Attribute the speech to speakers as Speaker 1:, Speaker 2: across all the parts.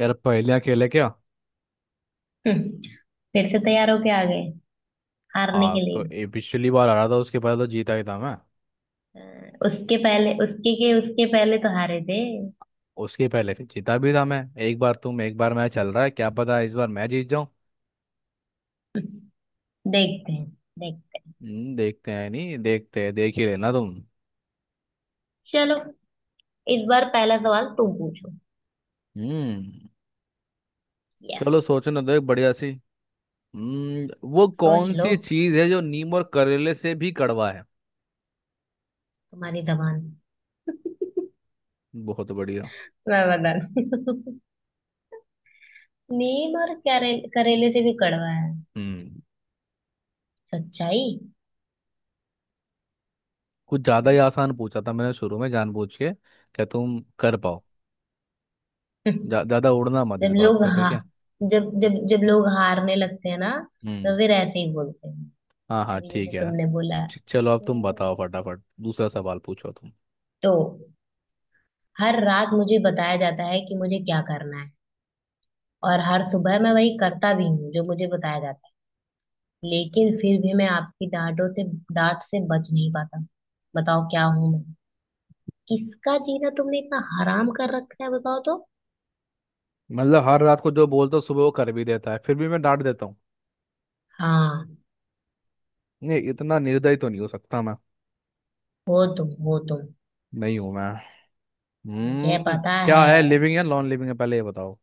Speaker 1: यार पहले अकेले क्या?
Speaker 2: हम्म, फिर से तैयार होके आ गए हारने
Speaker 1: हाँ
Speaker 2: के लिए।
Speaker 1: तो पिछली बार आ रहा था। उसके पहले तो जीता ही था मैं।
Speaker 2: अ, उसके पहले उसके पहले तो हारे थे।
Speaker 1: उसके पहले फिर जीता भी था मैं। एक बार तुम एक बार मैं चल रहा है, क्या पता इस बार मैं जीत जाऊं।
Speaker 2: देखते हैं। देखते हैं।
Speaker 1: देखते हैं नहीं, देखते हैं, देख ही लेना तुम।
Speaker 2: चलो, इस बार पहला सवाल तुम पूछो।
Speaker 1: हम्म।
Speaker 2: यस।
Speaker 1: चलो सोचो ना, तो एक बढ़िया सी। हम्म। वो
Speaker 2: सोच
Speaker 1: कौन
Speaker 2: लो,
Speaker 1: सी चीज है जो नीम और करेले से भी कड़वा है?
Speaker 2: तुम्हारी जबान।
Speaker 1: बहुत बढ़िया।
Speaker 2: मैं बता दूं। नीम और करेले से भी कड़वा है
Speaker 1: हम्म।
Speaker 2: सच्चाई।
Speaker 1: कुछ ज्यादा ही
Speaker 2: है।
Speaker 1: आसान पूछा था मैंने शुरू में जानबूझ के। क्या तुम कर पाओ? ज्यादा उड़ना मत इस
Speaker 2: जब
Speaker 1: बात
Speaker 2: लोग
Speaker 1: पे, ठीक
Speaker 2: हा
Speaker 1: है?
Speaker 2: जब जब जब लोग हारने लगते हैं ना,
Speaker 1: हम्म।
Speaker 2: तो फिर ऐसे ही बोलते हैं।
Speaker 1: हाँ हाँ,
Speaker 2: अभी
Speaker 1: ठीक
Speaker 2: जैसे
Speaker 1: है।
Speaker 2: तुमने बोला
Speaker 1: चलो, अब तुम बताओ फटाफट, दूसरा सवाल पूछो तुम।
Speaker 2: तो हर रात मुझे बताया जाता है कि मुझे क्या करना है, और हर सुबह मैं वही करता भी हूँ जो मुझे बताया जाता है। लेकिन फिर भी मैं आपकी डांट से बच नहीं पाता। बताओ क्या हूँ मैं। किसका जीना तुमने इतना हराम कर रखा है बताओ तो।
Speaker 1: मतलब हर रात को जो बोलता हूँ सुबह वो कर भी देता है, फिर भी मैं डांट देता हूँ।
Speaker 2: हाँ।
Speaker 1: नहीं, इतना निर्दयी तो नहीं हो सकता मैं।
Speaker 2: हो तुम, हो तुम।
Speaker 1: नहीं हूं मैं।
Speaker 2: मुझे
Speaker 1: हम्म।
Speaker 2: पता है।
Speaker 1: क्या है, लिविंग या नॉन लिविंग है, पहले ये बताओ।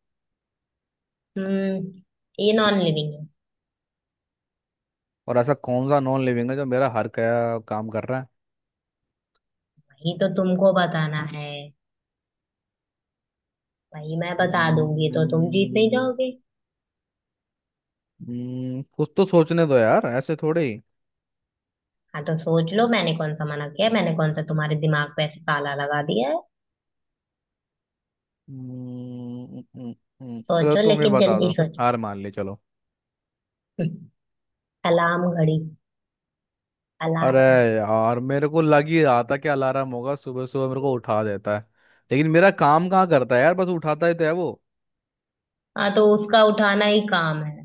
Speaker 2: हम्म। ये नॉन लिविंग है।
Speaker 1: और ऐसा कौन सा नॉन लिविंग है जो मेरा हर क्या काम कर रहा है?
Speaker 2: वही तो तुमको बताना है। वही मैं बता दूंगी तो तुम जीत नहीं
Speaker 1: हम्म,
Speaker 2: जाओगे।
Speaker 1: कुछ तो सोचने दो यार, ऐसे थोड़े ही।
Speaker 2: हाँ तो सोच लो, मैंने कौन सा मना किया है? मैंने कौन सा तुम्हारे दिमाग पे ऐसे ताला लगा दिया है।
Speaker 1: हम्म, हम्म, हम्म, चलो
Speaker 2: सोचो,
Speaker 1: तुम ये
Speaker 2: लेकिन
Speaker 1: बता दो।
Speaker 2: जल्दी सोचो।
Speaker 1: हार मान ली, चलो।
Speaker 2: अलार्म घड़ी।
Speaker 1: अरे।
Speaker 2: अलार्म।
Speaker 1: यार मेरे को लग ही रहा था कि अलार्म होगा, सुबह सुबह मेरे को उठा देता है। लेकिन मेरा काम कहाँ करता है यार, बस उठाता ही तो है वो।
Speaker 2: हाँ तो उसका उठाना ही काम है।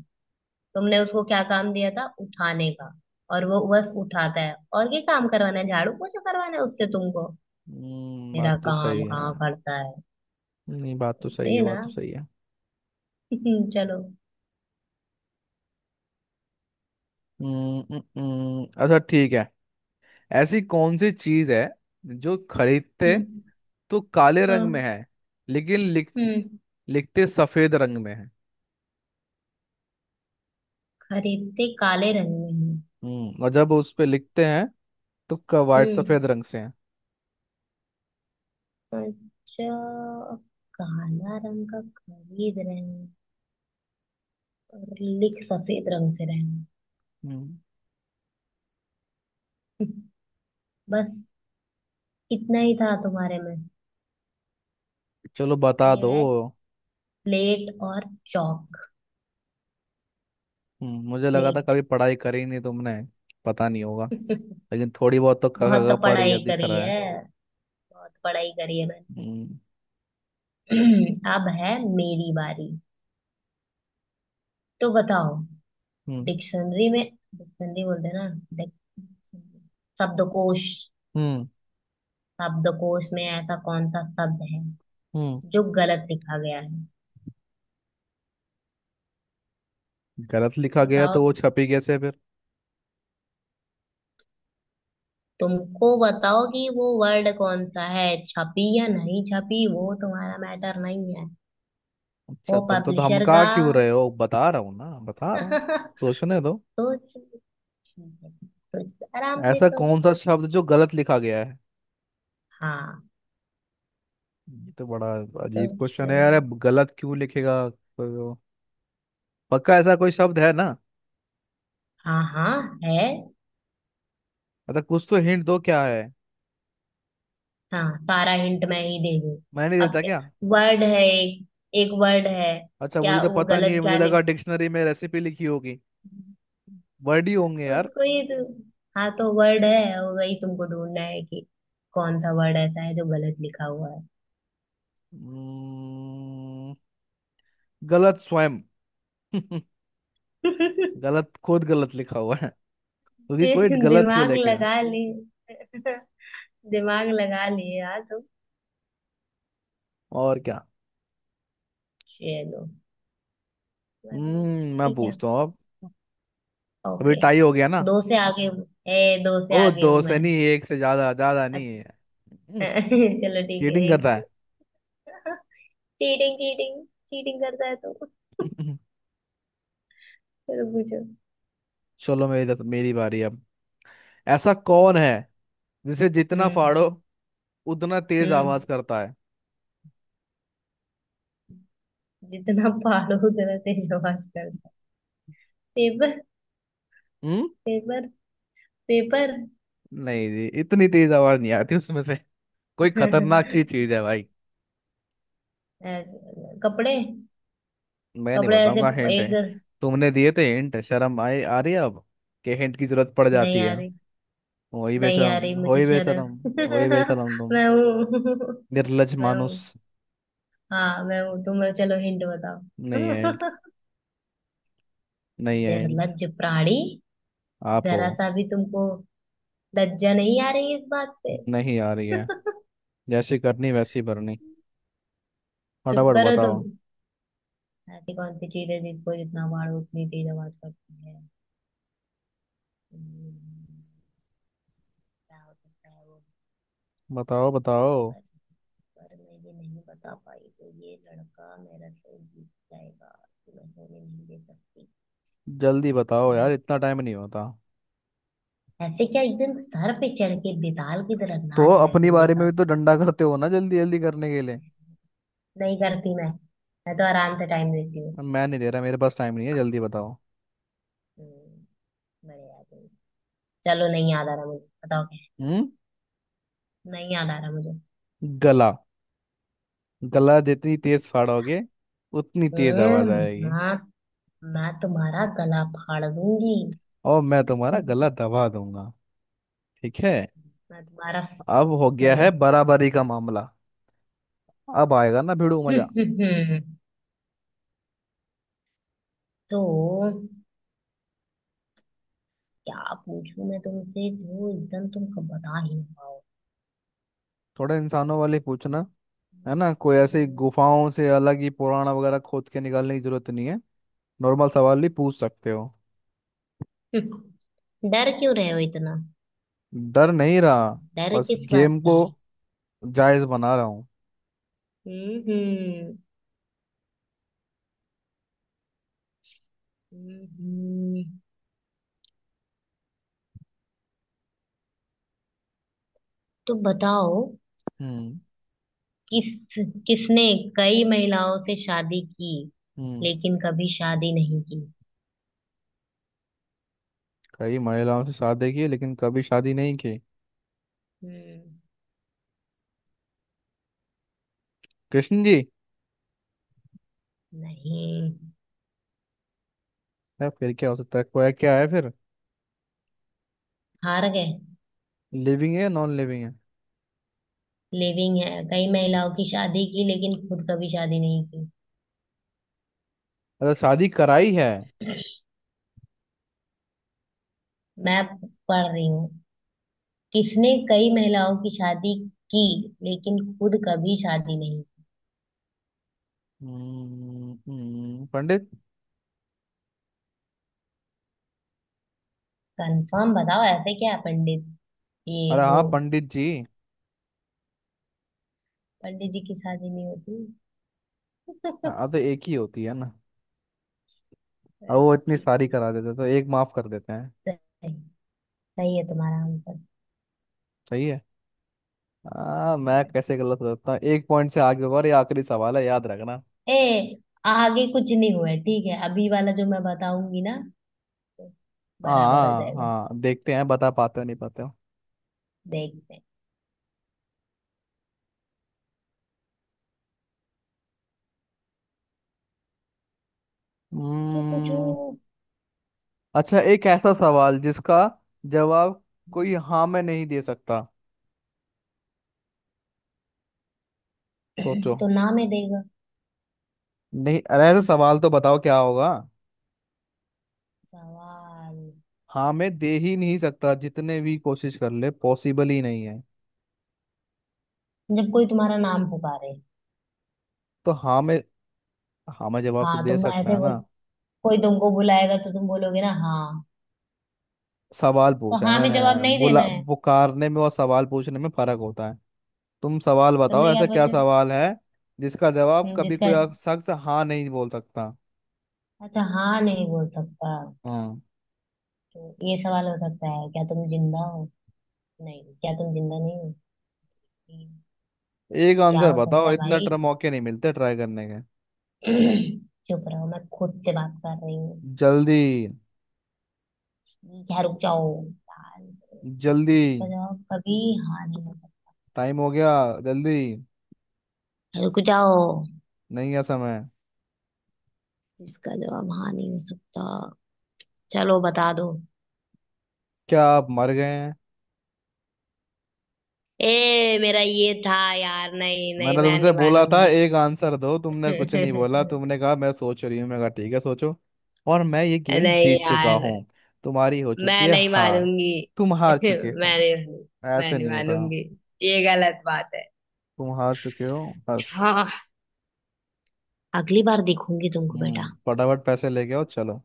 Speaker 2: तुमने उसको क्या काम दिया था उठाने का, और वो बस उठाता है। और ये काम करवाना है, झाड़ू पोछा करवाना है उससे तुमको।
Speaker 1: हम्म,
Speaker 2: मेरा
Speaker 1: बात तो
Speaker 2: काम
Speaker 1: सही है।
Speaker 2: कहाँ करता है।
Speaker 1: नहीं, बात तो सही है,
Speaker 2: ये ना।
Speaker 1: बात तो सही है।
Speaker 2: चलो।
Speaker 1: हम्म, अच्छा, ठीक है। ऐसी कौन सी चीज है जो खरीदते
Speaker 2: हम्म।
Speaker 1: तो काले रंग में
Speaker 2: हाँ।
Speaker 1: है, लेकिन
Speaker 2: हम्म।
Speaker 1: लिखते सफेद रंग में है?
Speaker 2: खरीदते काले रंग में हैं।
Speaker 1: हम्म, और जब उस पे लिखते हैं तो वाइट
Speaker 2: हम्म।
Speaker 1: सफेद रंग से है।
Speaker 2: अच्छा, काला रंग का खरीद रहे हैं और लिख सफेद रंग से रहे हैं।
Speaker 1: हम्म।
Speaker 2: बस, इतना ही था तुम्हारे में।
Speaker 1: चलो बता
Speaker 2: ये
Speaker 1: दो।
Speaker 2: है प्लेट और चौक।
Speaker 1: मुझे लगा था
Speaker 2: स्लेट।
Speaker 1: कभी पढ़ाई करी नहीं तुमने, पता नहीं होगा। लेकिन थोड़ी बहुत तो का, का,
Speaker 2: बहुत तो
Speaker 1: का पढ़
Speaker 2: पढ़ाई
Speaker 1: गया दिख
Speaker 2: करी
Speaker 1: रहा है।
Speaker 2: है। बहुत पढ़ाई करी है मैंने।
Speaker 1: हम्म।
Speaker 2: अब है मेरी बारी। तो बताओ,
Speaker 1: हम्म,
Speaker 2: डिक्शनरी में, डिक्शनरी बोलते हैं ना, डिक्शनरी, शब्दकोश,
Speaker 1: हम्म,
Speaker 2: शब्दकोश में ऐसा कौन सा शब्द है
Speaker 1: हम्म।
Speaker 2: जो गलत लिखा गया है।
Speaker 1: गलत लिखा गया
Speaker 2: बताओ
Speaker 1: तो वो
Speaker 2: तुम।
Speaker 1: छपी कैसे फिर?
Speaker 2: तुमको बताओ कि वो वर्ड कौन सा है, छपी या नहीं छपी वो तुम्हारा मैटर नहीं है।
Speaker 1: अच्छा,
Speaker 2: वो
Speaker 1: तुम तो
Speaker 2: पब्लिशर
Speaker 1: धमका
Speaker 2: का।
Speaker 1: क्यों रहे हो? बता रहा हूँ ना, बता रहा हूँ।
Speaker 2: सोच
Speaker 1: सोचने दो।
Speaker 2: लो। ठीक है, सोच आराम से
Speaker 1: ऐसा
Speaker 2: सोच
Speaker 1: कौन सा
Speaker 2: लो।
Speaker 1: शब्द जो गलत लिखा गया है?
Speaker 2: हाँ।
Speaker 1: ये तो बड़ा अजीब
Speaker 2: सोच
Speaker 1: क्वेश्चन
Speaker 2: लो।
Speaker 1: है यार, अब गलत क्यों लिखेगा कोई वो? पक्का ऐसा कोई शब्द है ना?
Speaker 2: हाँ हाँ, है।
Speaker 1: अच्छा, कुछ तो हिंट दो, क्या है?
Speaker 2: हाँ, सारा हिंट मैं ही दे दूँ।
Speaker 1: मैं नहीं
Speaker 2: अब,
Speaker 1: देता क्या?
Speaker 2: वर्ड है एक, एक वर्ड है।
Speaker 1: अच्छा, मुझे
Speaker 2: क्या
Speaker 1: तो
Speaker 2: वो
Speaker 1: पता नहीं है,
Speaker 2: गलत
Speaker 1: मुझे
Speaker 2: क्या
Speaker 1: लगा
Speaker 2: लिख
Speaker 1: डिक्शनरी में रेसिपी लिखी होगी। वर्ड ही होंगे यार।
Speaker 2: उसको ही तो। हाँ तो वर्ड है, वही तुमको ढूंढना है कि कौन सा वर्ड ऐसा है जो गलत लिखा हुआ है।
Speaker 1: हम्म, गलत स्वयं। गलत खुद गलत लिखा हुआ है। क्योंकि कोई गलत क्यों
Speaker 2: दिमाग
Speaker 1: लिखेगा?
Speaker 2: लगा लिए। दिमाग लगा लिए यार तुम।
Speaker 1: और क्या?
Speaker 2: चलो,
Speaker 1: हम्म, मैं
Speaker 2: ठीक है।
Speaker 1: पूछता हूँ अब। अभी
Speaker 2: ओके।
Speaker 1: टाई हो गया ना?
Speaker 2: दो से आगे हूँ। ए, दो से
Speaker 1: ओ
Speaker 2: आगे
Speaker 1: दो
Speaker 2: हूँ
Speaker 1: से
Speaker 2: मैं।
Speaker 1: नहीं, एक से ज्यादा, ज्यादा नहीं
Speaker 2: अच्छा।
Speaker 1: है।
Speaker 2: चलो ठीक है,
Speaker 1: चीटिंग करता
Speaker 2: एक।
Speaker 1: है।
Speaker 2: चीटिंग। चीटिंग चीटिंग करता है तो। चलो पूछो।
Speaker 1: चलो मेरी मेरी बारी अब। ऐसा कौन है
Speaker 2: हम्म।
Speaker 1: जिसे जितना
Speaker 2: हम्म।
Speaker 1: फाड़ो उतना तेज
Speaker 2: हम्म।
Speaker 1: आवाज करता है?
Speaker 2: जितना फाड़ो उतना तेज आवाज करता है। पेपर।
Speaker 1: हम्म।
Speaker 2: पेपर। पेपर।
Speaker 1: नहीं जी, इतनी तेज आवाज नहीं आती उसमें से। कोई खतरनाक सी चीज है भाई।
Speaker 2: कपड़े।
Speaker 1: मैं नहीं
Speaker 2: कपड़े ऐसे
Speaker 1: बताऊंगा, हिंट है।
Speaker 2: एक।
Speaker 1: तुमने दिए थे हिंट, शर्म आए आ रही है अब, कि हिंट की जरूरत पड़
Speaker 2: नहीं
Speaker 1: जाती
Speaker 2: आ
Speaker 1: है।
Speaker 2: रही।
Speaker 1: वही
Speaker 2: नहीं आ
Speaker 1: बेशरम।
Speaker 2: रही मुझे
Speaker 1: वही बेशरम,
Speaker 2: शर्म।
Speaker 1: वही बेशरम तुम।
Speaker 2: मैं हूँ।
Speaker 1: निर्लज
Speaker 2: मैं
Speaker 1: मानुस।
Speaker 2: हूँ। हाँ मैं हूँ, तुम चलो हिंट बताओ।
Speaker 1: नहीं है हिंट, नहीं है हिंट।
Speaker 2: निर्लज्ज प्राणी।
Speaker 1: आप हो।
Speaker 2: जरा सा भी तुमको लज्जा नहीं आ रही इस बात पे।
Speaker 1: नहीं आ रही है। जैसी करनी वैसी भरनी।
Speaker 2: चुप
Speaker 1: फटाफट
Speaker 2: करो तुम।
Speaker 1: बताओ।
Speaker 2: ऐसी कौन सी चीज है जिसको जितना मारो उतनी तेज आवाज करती है। हम्म, क्या हो सकता है वो।
Speaker 1: बताओ, बताओ।
Speaker 2: पर, पर मैं ये नहीं बता पाई तो ये लड़का मेरा शो जीत जाएगा। तो मैं होने नहीं दे सकती।
Speaker 1: जल्दी बताओ यार,
Speaker 2: हम्म,
Speaker 1: इतना टाइम नहीं होता।
Speaker 2: ऐसे क्या एकदम सर पे चढ़ के बेताल की तरह
Speaker 1: तो
Speaker 2: नाच रहे हो,
Speaker 1: अपनी
Speaker 2: जल्दी
Speaker 1: बारे में
Speaker 2: निकाल।
Speaker 1: भी तो डंडा करते हो ना जल्दी जल्दी करने के लिए?
Speaker 2: नहीं करती मैं। मैं तो आराम से टाइम देती हूँ।
Speaker 1: मैं नहीं दे रहा, मेरे पास टाइम नहीं है, जल्दी बताओ।
Speaker 2: हम्म, बड़े आदमी। चलो नहीं याद आ रहा मुझे। बताओ क्या है?
Speaker 1: हम्म।
Speaker 2: नहीं याद आ रहा मुझे।
Speaker 1: गला। गला जितनी तेज फाड़ोगे उतनी तेज आवाज
Speaker 2: हम्म
Speaker 1: आएगी।
Speaker 2: मैं मैं तुम्हारा गला फाड़ दूंगी।
Speaker 1: और मैं तुम्हारा गला दबा दूंगा। ठीक है।
Speaker 2: मैं तुम्हारा।
Speaker 1: अब हो गया है
Speaker 2: नहीं।
Speaker 1: बराबरी का मामला। अब आएगा ना भिड़ू मजा।
Speaker 2: तो क्या पूछूं मैं तुमसे जो एकदम तुम कब बता ही ना पाओ।
Speaker 1: थोड़ा इंसानों वाले पूछना, है ना, कोई ऐसे गुफाओं से अलग ही पुराना वगैरह खोद के निकालने की जरूरत नहीं है। नॉर्मल सवाल भी पूछ सकते हो।
Speaker 2: डर क्यों रहे हो इतना।
Speaker 1: डर नहीं रहा।
Speaker 2: डर
Speaker 1: बस
Speaker 2: किस बात
Speaker 1: गेम
Speaker 2: का
Speaker 1: को
Speaker 2: है।
Speaker 1: जायज बना रहा हूँ।
Speaker 2: हम्म। हम्म। हम्म। हम्म। तो बताओ,
Speaker 1: हम्म।
Speaker 2: किस किसने कई महिलाओं से शादी की
Speaker 1: हम्म।
Speaker 2: लेकिन कभी शादी नहीं की।
Speaker 1: कई महिलाओं से शादी की लेकिन कभी शादी नहीं की।
Speaker 2: हम्म।
Speaker 1: कृष्ण जी
Speaker 2: नहीं।
Speaker 1: है, फिर क्या हो सकता है? कोई क्या है फिर?
Speaker 2: हार गए।
Speaker 1: लिविंग है या नॉन लिविंग है?
Speaker 2: लिविंग है, कई महिलाओं की शादी की लेकिन खुद कभी शादी नहीं की।
Speaker 1: अरे शादी कराई है।
Speaker 2: मैं पढ़ रही हूँ। किसने कई महिलाओं की शादी की लेकिन खुद कभी शादी नहीं।
Speaker 1: पंडित।
Speaker 2: कंफर्म बताओ, ऐसे क्या है पंडित ये
Speaker 1: अरे हाँ,
Speaker 2: वो।
Speaker 1: पंडित जी।
Speaker 2: पंडित जी की शादी नहीं होती।
Speaker 1: हाँ हाँ, तो एक ही होती है ना। अब
Speaker 2: बस,
Speaker 1: वो इतनी
Speaker 2: ठीक
Speaker 1: सारी
Speaker 2: है।
Speaker 1: करा देते तो एक माफ कर देते हैं।
Speaker 2: सही। सही है तुम्हारा आंसर।
Speaker 1: सही है। मैं
Speaker 2: हम्म।
Speaker 1: कैसे गलत हो सकता हूँ, एक पॉइंट से आगे होगा, और ये आखिरी सवाल है याद रखना।
Speaker 2: ए, आगे कुछ नहीं हुआ है, ठीक है। अभी वाला जो मैं बताऊंगी ना, तो बराबर हो
Speaker 1: हाँ
Speaker 2: जाएगा।
Speaker 1: हाँ, देखते हैं बता पाते हो नहीं पाते हो।
Speaker 2: देखते हैं। जो पूछो।
Speaker 1: हम्म। अच्छा, एक ऐसा सवाल जिसका जवाब कोई हाँ में नहीं दे सकता, सोचो।
Speaker 2: तो नाम है देगा।
Speaker 1: नहीं अरे, ऐसा सवाल तो बताओ क्या होगा।
Speaker 2: सवाल।
Speaker 1: हाँ मैं दे ही नहीं सकता, जितने भी कोशिश कर ले पॉसिबल ही नहीं है।
Speaker 2: जब कोई तुम्हारा नाम पुकारे।
Speaker 1: तो हाँ मैं हाँ मैं जवाब तो
Speaker 2: हाँ,
Speaker 1: दे
Speaker 2: तुम
Speaker 1: सकता
Speaker 2: ऐसे
Speaker 1: है
Speaker 2: बोल,
Speaker 1: ना।
Speaker 2: कोई तुमको बुलाएगा तो तुम बोलोगे ना हाँ।
Speaker 1: सवाल
Speaker 2: तो
Speaker 1: पूछा है
Speaker 2: हाँ में जवाब
Speaker 1: मैंने।
Speaker 2: नहीं देना
Speaker 1: बुला
Speaker 2: है।
Speaker 1: पुकारने में और सवाल पूछने में फर्क होता है। तुम सवाल बताओ,
Speaker 2: तुमने क्या
Speaker 1: ऐसा क्या
Speaker 2: पूछा।
Speaker 1: सवाल है जिसका जवाब कभी कोई
Speaker 2: जिसका,
Speaker 1: शख्स हाँ नहीं बोल सकता?
Speaker 2: अच्छा, हाँ नहीं बोल सकता।
Speaker 1: हाँ।
Speaker 2: तो ये सवाल हो सकता है क्या तुम जिंदा हो। नहीं, क्या तुम जिंदा नहीं हो। नहीं।
Speaker 1: एक
Speaker 2: क्या
Speaker 1: आंसर
Speaker 2: हो
Speaker 1: बताओ,
Speaker 2: सकता है
Speaker 1: इतना
Speaker 2: भाई।
Speaker 1: टर मौके नहीं मिलते ट्राई करने के।
Speaker 2: चुप रहो, मैं खुद से बात कर रही हूँ।
Speaker 1: जल्दी।
Speaker 2: क्या रुक जाओ यार।
Speaker 1: जल्दी।
Speaker 2: जिसका जवाब कभी हाँ नहीं हो
Speaker 1: टाइम हो गया। जल्दी।
Speaker 2: सकता। रुक जाओ।
Speaker 1: नहीं है समय।
Speaker 2: जिसका जवाब हाँ नहीं हो सकता। चलो बता दो।
Speaker 1: क्या आप मर गए हैं?
Speaker 2: ए मेरा ये था यार, नहीं नहीं,
Speaker 1: मैंने
Speaker 2: मैं
Speaker 1: तुमसे
Speaker 2: नहीं
Speaker 1: बोला था
Speaker 2: मानूंगी।
Speaker 1: एक आंसर दो, तुमने कुछ नहीं बोला, तुमने कहा मैं सोच रही हूँ, मैं कहा ठीक है सोचो। और मैं ये गेम
Speaker 2: नहीं
Speaker 1: जीत चुका
Speaker 2: यार।
Speaker 1: हूँ। तुम्हारी हो चुकी
Speaker 2: मैं
Speaker 1: है
Speaker 2: नहीं
Speaker 1: हार।
Speaker 2: मानूंगी।
Speaker 1: तुम
Speaker 2: मैं
Speaker 1: हार चुके हो।
Speaker 2: नहीं मानूंगी। मैं
Speaker 1: ऐसे
Speaker 2: नहीं
Speaker 1: नहीं होता।
Speaker 2: मानूंगी। ये गलत बात है।
Speaker 1: तुम हार चुके हो। बस।
Speaker 2: हाँ। अगली बार देखूंगी तुमको
Speaker 1: हम्म,
Speaker 2: बेटा।
Speaker 1: फटाफट पैसे लेके आओ, चलो।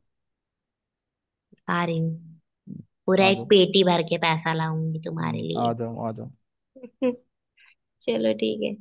Speaker 2: आ रही हूँ।
Speaker 1: हम्म,
Speaker 2: पूरा
Speaker 1: आ
Speaker 2: एक
Speaker 1: जाओ।
Speaker 2: पेटी भर के पैसा लाऊंगी तुम्हारे
Speaker 1: आ
Speaker 2: लिए।
Speaker 1: जाओ, आ जाओ।
Speaker 2: चलो ठीक है।